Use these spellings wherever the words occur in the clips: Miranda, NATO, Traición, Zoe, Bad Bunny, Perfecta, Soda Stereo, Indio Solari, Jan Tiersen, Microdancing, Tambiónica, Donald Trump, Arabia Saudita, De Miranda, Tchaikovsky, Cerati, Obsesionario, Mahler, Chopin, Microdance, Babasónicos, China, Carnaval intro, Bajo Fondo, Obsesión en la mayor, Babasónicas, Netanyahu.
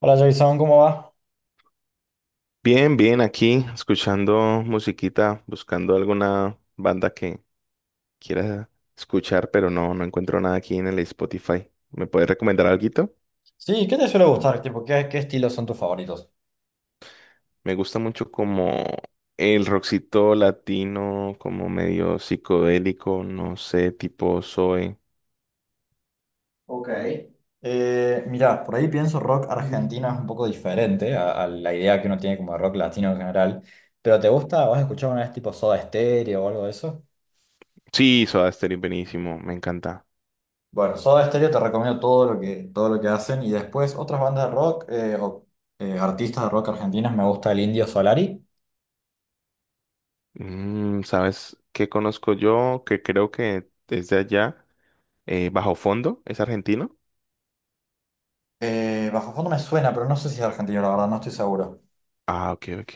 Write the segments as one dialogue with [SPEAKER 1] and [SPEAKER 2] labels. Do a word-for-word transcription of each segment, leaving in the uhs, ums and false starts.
[SPEAKER 1] Hola Jason, ¿cómo va?
[SPEAKER 2] Bien, bien, aquí escuchando musiquita, buscando alguna banda que quiera escuchar, pero no, no encuentro nada aquí en el Spotify. ¿Me puedes recomendar alguito?
[SPEAKER 1] Sí, ¿qué te suele gustar? Tipo, ¿qué, qué estilos son tus favoritos?
[SPEAKER 2] Me gusta mucho como el rockcito latino, como medio psicodélico, no sé, tipo Zoe.
[SPEAKER 1] Ok, Eh, mirá, por ahí pienso rock argentino es un poco diferente a, a la idea que uno tiene como de rock latino en general. Pero ¿te gusta? ¿Vas a escuchar una vez tipo Soda Stereo o algo de eso?
[SPEAKER 2] Sí, Soda Stereo, buenísimo, me encanta.
[SPEAKER 1] Bueno, Soda Stereo te recomiendo todo lo que, todo lo que hacen. Y después otras bandas de rock eh, o eh, artistas de rock argentinos. Me gusta el Indio Solari.
[SPEAKER 2] Mm, ¿sabes qué conozco yo? Que creo que desde allá, eh, Bajo Fondo, ¿es argentino?
[SPEAKER 1] Eh, Bajo Fondo me suena, pero no sé si es argentino, la verdad, no estoy seguro.
[SPEAKER 2] Ah, ok, ok.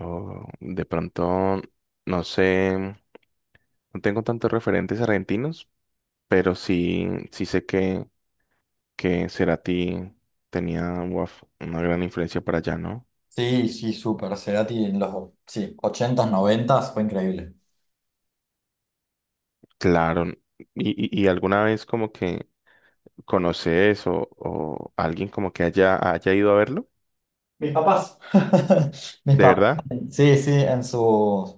[SPEAKER 2] O de pronto, no sé, no tengo tantos referentes argentinos, pero sí, sí sé que, que Cerati tenía uaf, una gran influencia para allá, ¿no?
[SPEAKER 1] Sí, sí, súper. Cerati en los sí, ochentas noventas fue increíble.
[SPEAKER 2] Claro. ¿Y, y, y alguna vez como que conoces o, o alguien como que haya, haya ido a verlo?
[SPEAKER 1] Mis papás. Mis
[SPEAKER 2] ¿De
[SPEAKER 1] papás,
[SPEAKER 2] verdad?
[SPEAKER 1] sí, sí, en sus...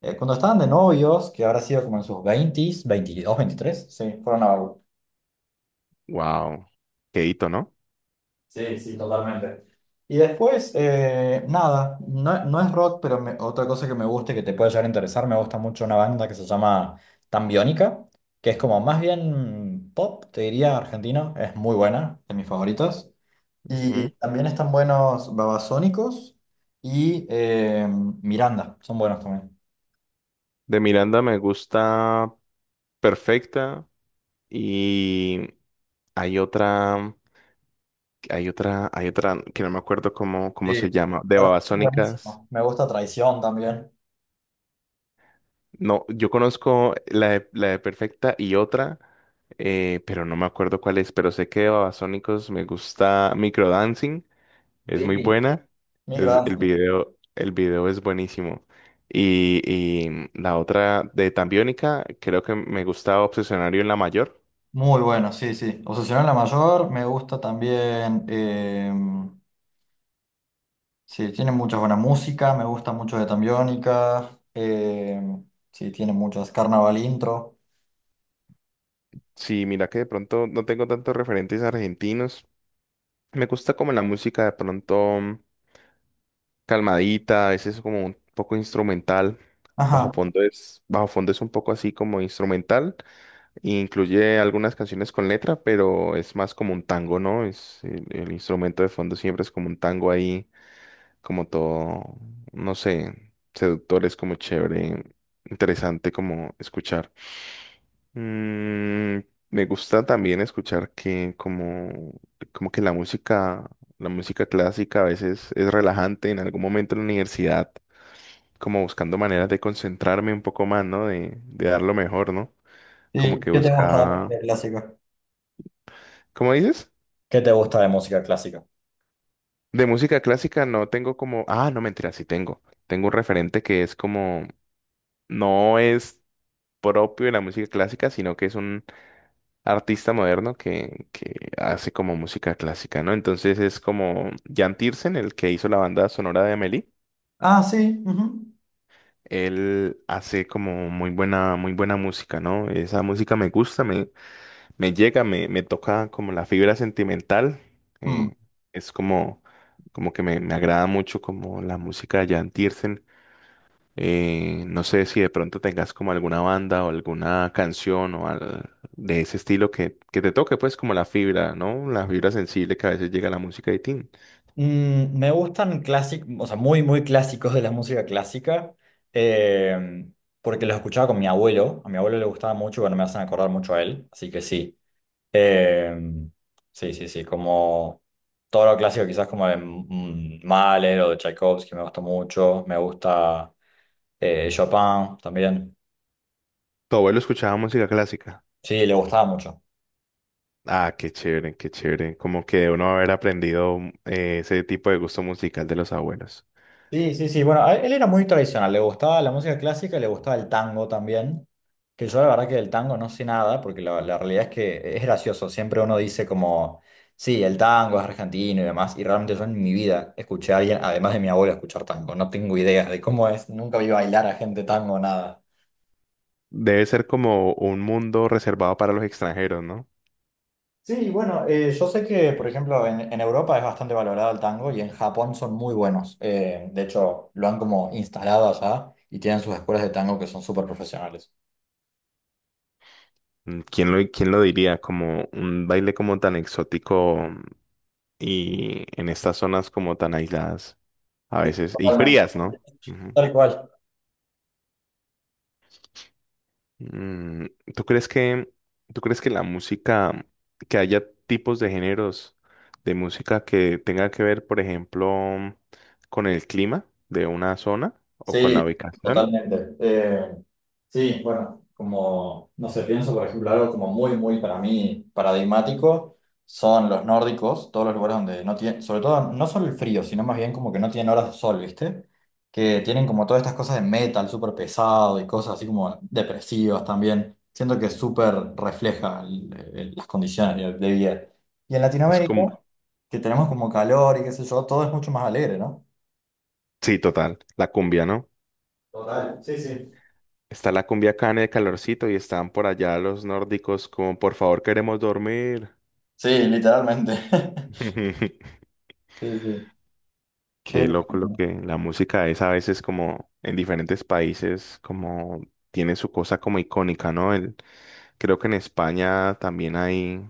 [SPEAKER 1] eh, cuando estaban de novios, que habrá sido como en sus veintis veintidós veintitrés sí, fueron a verlo.
[SPEAKER 2] Wow. Qué hito, ¿no?
[SPEAKER 1] Sí, sí, totalmente. Y después, eh, nada, no, no es rock, pero me- otra cosa que me gusta y que te puede llegar a interesar, me gusta mucho una banda que se llama Tambiónica, que es como más bien pop, te diría, argentina, es muy buena, de mis favoritas. Y
[SPEAKER 2] Ujú.
[SPEAKER 1] también están buenos Babasónicos y eh, Miranda, son buenos también.
[SPEAKER 2] De Miranda me gusta Perfecta y hay otra. Hay otra, hay otra que no me acuerdo cómo, cómo
[SPEAKER 1] Sí,
[SPEAKER 2] se llama, de
[SPEAKER 1] Perfecto,
[SPEAKER 2] Babasónicas.
[SPEAKER 1] buenísimo. Me gusta Traición también.
[SPEAKER 2] No, yo conozco la de, la de Perfecta y otra, eh, pero no me acuerdo cuál es, pero sé que de Babasónicos me gusta Microdancing, es muy
[SPEAKER 1] Sí.
[SPEAKER 2] buena. Es, el
[SPEAKER 1] Microdance.
[SPEAKER 2] video, el video es buenísimo. Y, y mm, la otra de Tambiónica, creo que me gusta Obsesionario en la mayor.
[SPEAKER 1] Muy bueno, sí, sí. Obsesión en la mayor, me gusta también. Eh, sí, tiene mucha buena música, me gusta mucho de Tambiónica. Eh, sí, tiene muchas. Carnaval intro.
[SPEAKER 2] Sí, mira que de pronto no tengo tantos referentes argentinos. Me gusta como la música de pronto. Mm, calmadita, a veces como un poco instrumental. Bajo
[SPEAKER 1] Ajá.
[SPEAKER 2] fondo es, bajo fondo es un poco así como instrumental, e incluye algunas canciones con letra, pero es más como un tango, ¿no? Es el, el instrumento de fondo siempre es como un tango ahí, como todo, no sé, seductor, es como chévere, interesante como escuchar. Mm, Me gusta también escuchar que como, como que la música, la música clásica a veces es relajante. En algún momento en la universidad como buscando maneras de concentrarme un poco más, ¿no? De, de dar lo mejor, ¿no? Como
[SPEAKER 1] ¿Y
[SPEAKER 2] que
[SPEAKER 1] qué te gusta de
[SPEAKER 2] busca,
[SPEAKER 1] música clásica?
[SPEAKER 2] ¿cómo dices?
[SPEAKER 1] ¿Qué te gusta de música clásica?
[SPEAKER 2] De música clásica no tengo como, ah, no, mentira, sí tengo. Tengo un referente que es como, no es propio de la música clásica, sino que es un artista moderno que, que hace como música clásica, ¿no? Entonces es como Jan Tiersen, el que hizo la banda sonora de Amélie.
[SPEAKER 1] Ah, sí. Ujú.
[SPEAKER 2] Él hace como muy buena, muy buena música, ¿no? Esa música me gusta, me llega, me, me toca como la fibra sentimental.
[SPEAKER 1] Mm.
[SPEAKER 2] eh, es como, como que me, me agrada mucho como la música de Jan Tiersen. Eh, no sé si de pronto tengas como alguna banda o alguna canción o al- de ese estilo que, que te toque, pues como la fibra, ¿no? La fibra sensible que a veces llega a la música de Tin.
[SPEAKER 1] Mm, me gustan clásicos, o sea, muy, muy clásicos de la música clásica, eh, porque los escuchaba con mi abuelo. A mi abuelo le gustaba mucho y bueno, me hacen acordar mucho a él, así que sí. Eh, sí, sí, sí, como todo lo clásico, quizás como de mm, Mahler o de Tchaikovsky, me gustó mucho. Me gusta eh, Chopin también.
[SPEAKER 2] Tu abuelo escuchaba música clásica.
[SPEAKER 1] Sí, le gustaba mucho.
[SPEAKER 2] Ah, qué chévere, qué chévere. Como que uno haber aprendido eh, ese tipo de gusto musical de los abuelos.
[SPEAKER 1] Sí, sí, sí. Bueno, a- él era muy tradicional. Le gustaba la música clásica y le gustaba el tango también. Que yo la verdad que del tango no sé nada, porque la, la realidad es que es gracioso. Siempre uno dice como, sí, el tango es argentino y demás. Y realmente yo en mi vida escuché a alguien, además de mi abuela, escuchar tango. No tengo idea de cómo es. Nunca vi bailar a gente tango, nada.
[SPEAKER 2] Debe ser como un mundo reservado para los extranjeros, ¿no?
[SPEAKER 1] Sí, bueno, eh, yo sé que, por ejemplo, en, en Europa es bastante valorado el tango y en Japón son muy buenos. Eh, de hecho, lo han como instalado allá y tienen sus escuelas de tango que son súper profesionales.
[SPEAKER 2] Mm, ¿Quién lo, quién lo diría? Como un baile como tan exótico, mm, y en estas zonas como tan aisladas a
[SPEAKER 1] Sí,
[SPEAKER 2] veces y
[SPEAKER 1] totalmente.
[SPEAKER 2] frías, ¿no? Ujú.
[SPEAKER 1] Tal cual.
[SPEAKER 2] Mm, ¿tú crees que, ¿tú crees que la música, que haya tipos de géneros de música que tenga que ver, por ejemplo, con el clima de una zona o con la
[SPEAKER 1] Sí,
[SPEAKER 2] ubicación?
[SPEAKER 1] totalmente. Eh, sí, bueno, como, no sé, pienso, por ejemplo, algo como muy, muy para mí paradigmático son los nórdicos, todos los lugares donde no tienen, sobre todo, no solo el frío, sino más bien como que no tienen horas de sol, ¿viste? Que tienen como todas estas cosas de metal súper pesado y cosas así como depresivas también. Siento que súper refleja el- el- las condiciones de de vida. Y en
[SPEAKER 2] Es
[SPEAKER 1] Latinoamérica,
[SPEAKER 2] como,
[SPEAKER 1] que tenemos como calor y qué sé yo, todo es mucho más alegre, ¿no?
[SPEAKER 2] sí, total. La cumbia, ¿no?
[SPEAKER 1] Total, sí, sí.
[SPEAKER 2] Está la cumbia acá en el calorcito y están por allá los nórdicos como, por favor, queremos dormir.
[SPEAKER 1] Sí, literalmente. Sí, sí.
[SPEAKER 2] Qué
[SPEAKER 1] Eh,
[SPEAKER 2] loco lo que la música es a veces como en diferentes países como tiene su cosa como icónica, ¿no? El, creo que en España también hay,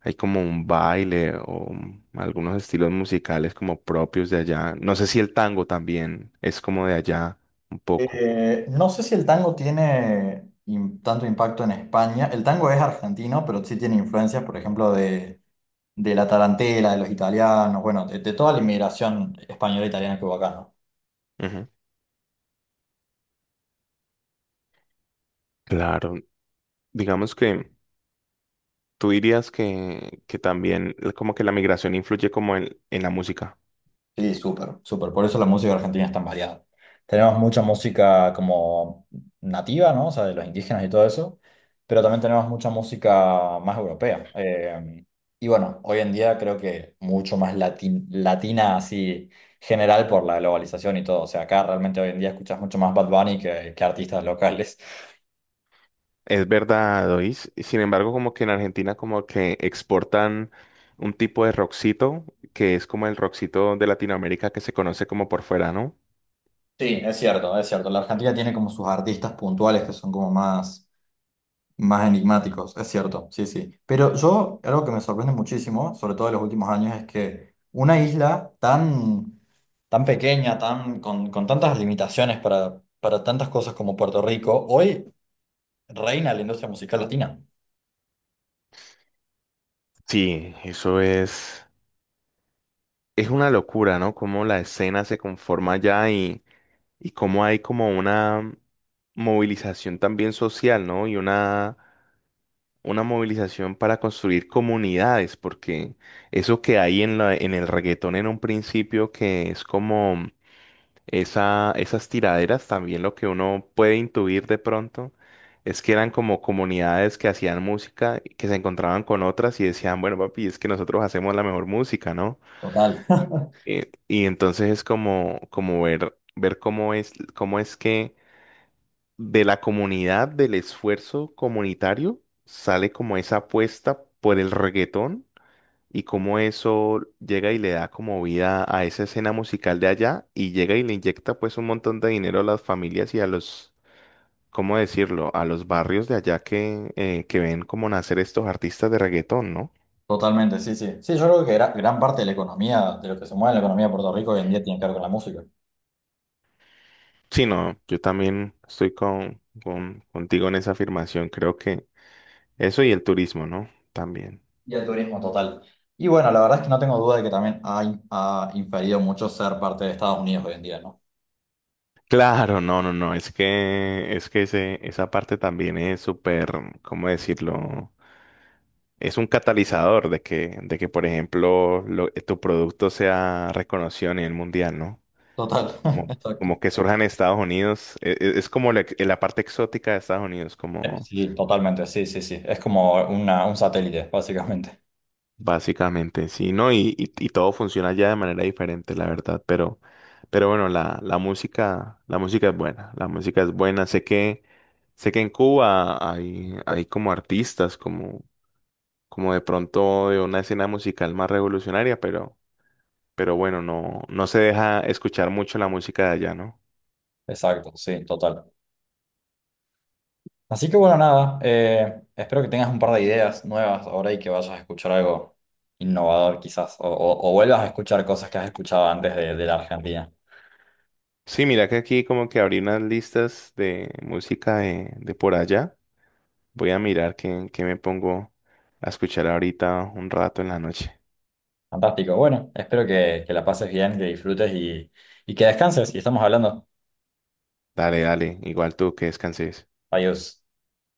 [SPEAKER 2] hay como un baile o un- algunos estilos musicales como propios de allá. No sé si el tango también es como de allá un poco.
[SPEAKER 1] eh, no sé si el tango tiene im- tanto impacto en España. El tango es argentino, pero sí tiene influencias, por ejemplo, de, de la tarantela, de los italianos, bueno, de, de toda la inmigración española e italiana que hubo acá, ¿no?
[SPEAKER 2] Ujú. Claro, digamos que tú dirías que, que también, eh, como que la migración influye como en, en la música.
[SPEAKER 1] Sí, súper, súper. Por eso la música argentina es tan variada. Tenemos mucha música como nativa, ¿no? O sea, de los indígenas y todo eso, pero también tenemos mucha música más europea. Eh, y bueno, hoy en día creo que mucho más latin- latina así general por la globalización y todo. O sea, acá realmente hoy en día escuchas mucho más Bad Bunny que, que artistas locales.
[SPEAKER 2] Es verdad, Dois. Sin embargo, como que en Argentina como que exportan un tipo de rockcito que es como el rockcito de Latinoamérica que se conoce como por fuera, ¿no?
[SPEAKER 1] Sí, es cierto, es cierto. La Argentina tiene como sus artistas puntuales que son como más... Más enigmáticos, es cierto, sí, sí. Pero yo, algo que me sorprende muchísimo, sobre todo en los últimos años, es que una isla tan, tan pequeña, tan, con, con tantas limitaciones para, para tantas cosas como Puerto Rico, hoy reina la industria musical latina.
[SPEAKER 2] Sí, eso es, es una locura, ¿no? Cómo la escena se conforma ya y, y cómo hay como una movilización también social, ¿no? Y una una movilización para construir comunidades, porque eso que hay en la, en el reggaetón en un principio, que es como esa, esas tiraderas, también lo que uno puede intuir de pronto, es que eran como comunidades que hacían música, que se encontraban con otras y decían, bueno, papi, es que nosotros hacemos la mejor música, ¿no?
[SPEAKER 1] Total.
[SPEAKER 2] Eh, y entonces es como, como ver, ver cómo es, cómo es que de la comunidad, del esfuerzo comunitario, sale como esa apuesta por el reggaetón y cómo eso llega y le da como vida a esa escena musical de allá y llega y le inyecta pues un montón de dinero a las familias y a los, ¿cómo decirlo?, a los barrios de allá que, eh, que ven como nacer estos artistas de reggaetón, ¿no?
[SPEAKER 1] Totalmente, sí, sí. Sí, yo creo que gra- gran parte de la economía, de lo que se mueve en la economía de Puerto Rico hoy en día tiene que ver con la música
[SPEAKER 2] Sí, no, yo también estoy con, con- contigo en esa afirmación, creo que eso y el turismo, ¿no? También.
[SPEAKER 1] y el turismo total. Y bueno, la verdad es que no tengo duda de que también ha, ha inferido mucho ser parte de Estados Unidos hoy en día, ¿no?
[SPEAKER 2] Claro, no, no, no, es que, es que ese, esa parte también es súper, ¿cómo decirlo? Es un catalizador de que, de que, por ejemplo, lo- tu producto sea reconocido a nivel mundial, ¿no?
[SPEAKER 1] Total.
[SPEAKER 2] Como,
[SPEAKER 1] Exacto.
[SPEAKER 2] como que surja en Estados Unidos, e- e- es, como la, ex- la parte exótica de Estados Unidos,
[SPEAKER 1] Eh,
[SPEAKER 2] como,
[SPEAKER 1] Sí, totalmente, sí, sí, sí. Es como una, un satélite, básicamente.
[SPEAKER 2] básicamente, sí, ¿no? Y, y- y todo funciona ya de manera diferente, la verdad, pero, pero bueno, la, la música, la música es buena, la música es buena. Sé que, sé que en Cuba hay, hay como artistas, como, como de pronto de una escena musical más revolucionaria, pero, pero bueno, no, no se deja escuchar mucho la música de allá, ¿no?
[SPEAKER 1] Exacto, sí, total. Así que bueno, nada, eh, espero que tengas un par de ideas nuevas ahora y que vayas a escuchar algo innovador quizás, o, o- o vuelvas a escuchar cosas que has escuchado antes de, de la Argentina.
[SPEAKER 2] Sí, mira que aquí como que abrí unas listas de música de, de por allá. Voy a mirar qué, qué me pongo a escuchar ahorita un rato en la noche.
[SPEAKER 1] Fantástico, bueno, espero que, que la pases bien, que disfrutes y, y que descanses y estamos hablando.
[SPEAKER 2] Dale, dale, igual tú que descanses.
[SPEAKER 1] Adiós.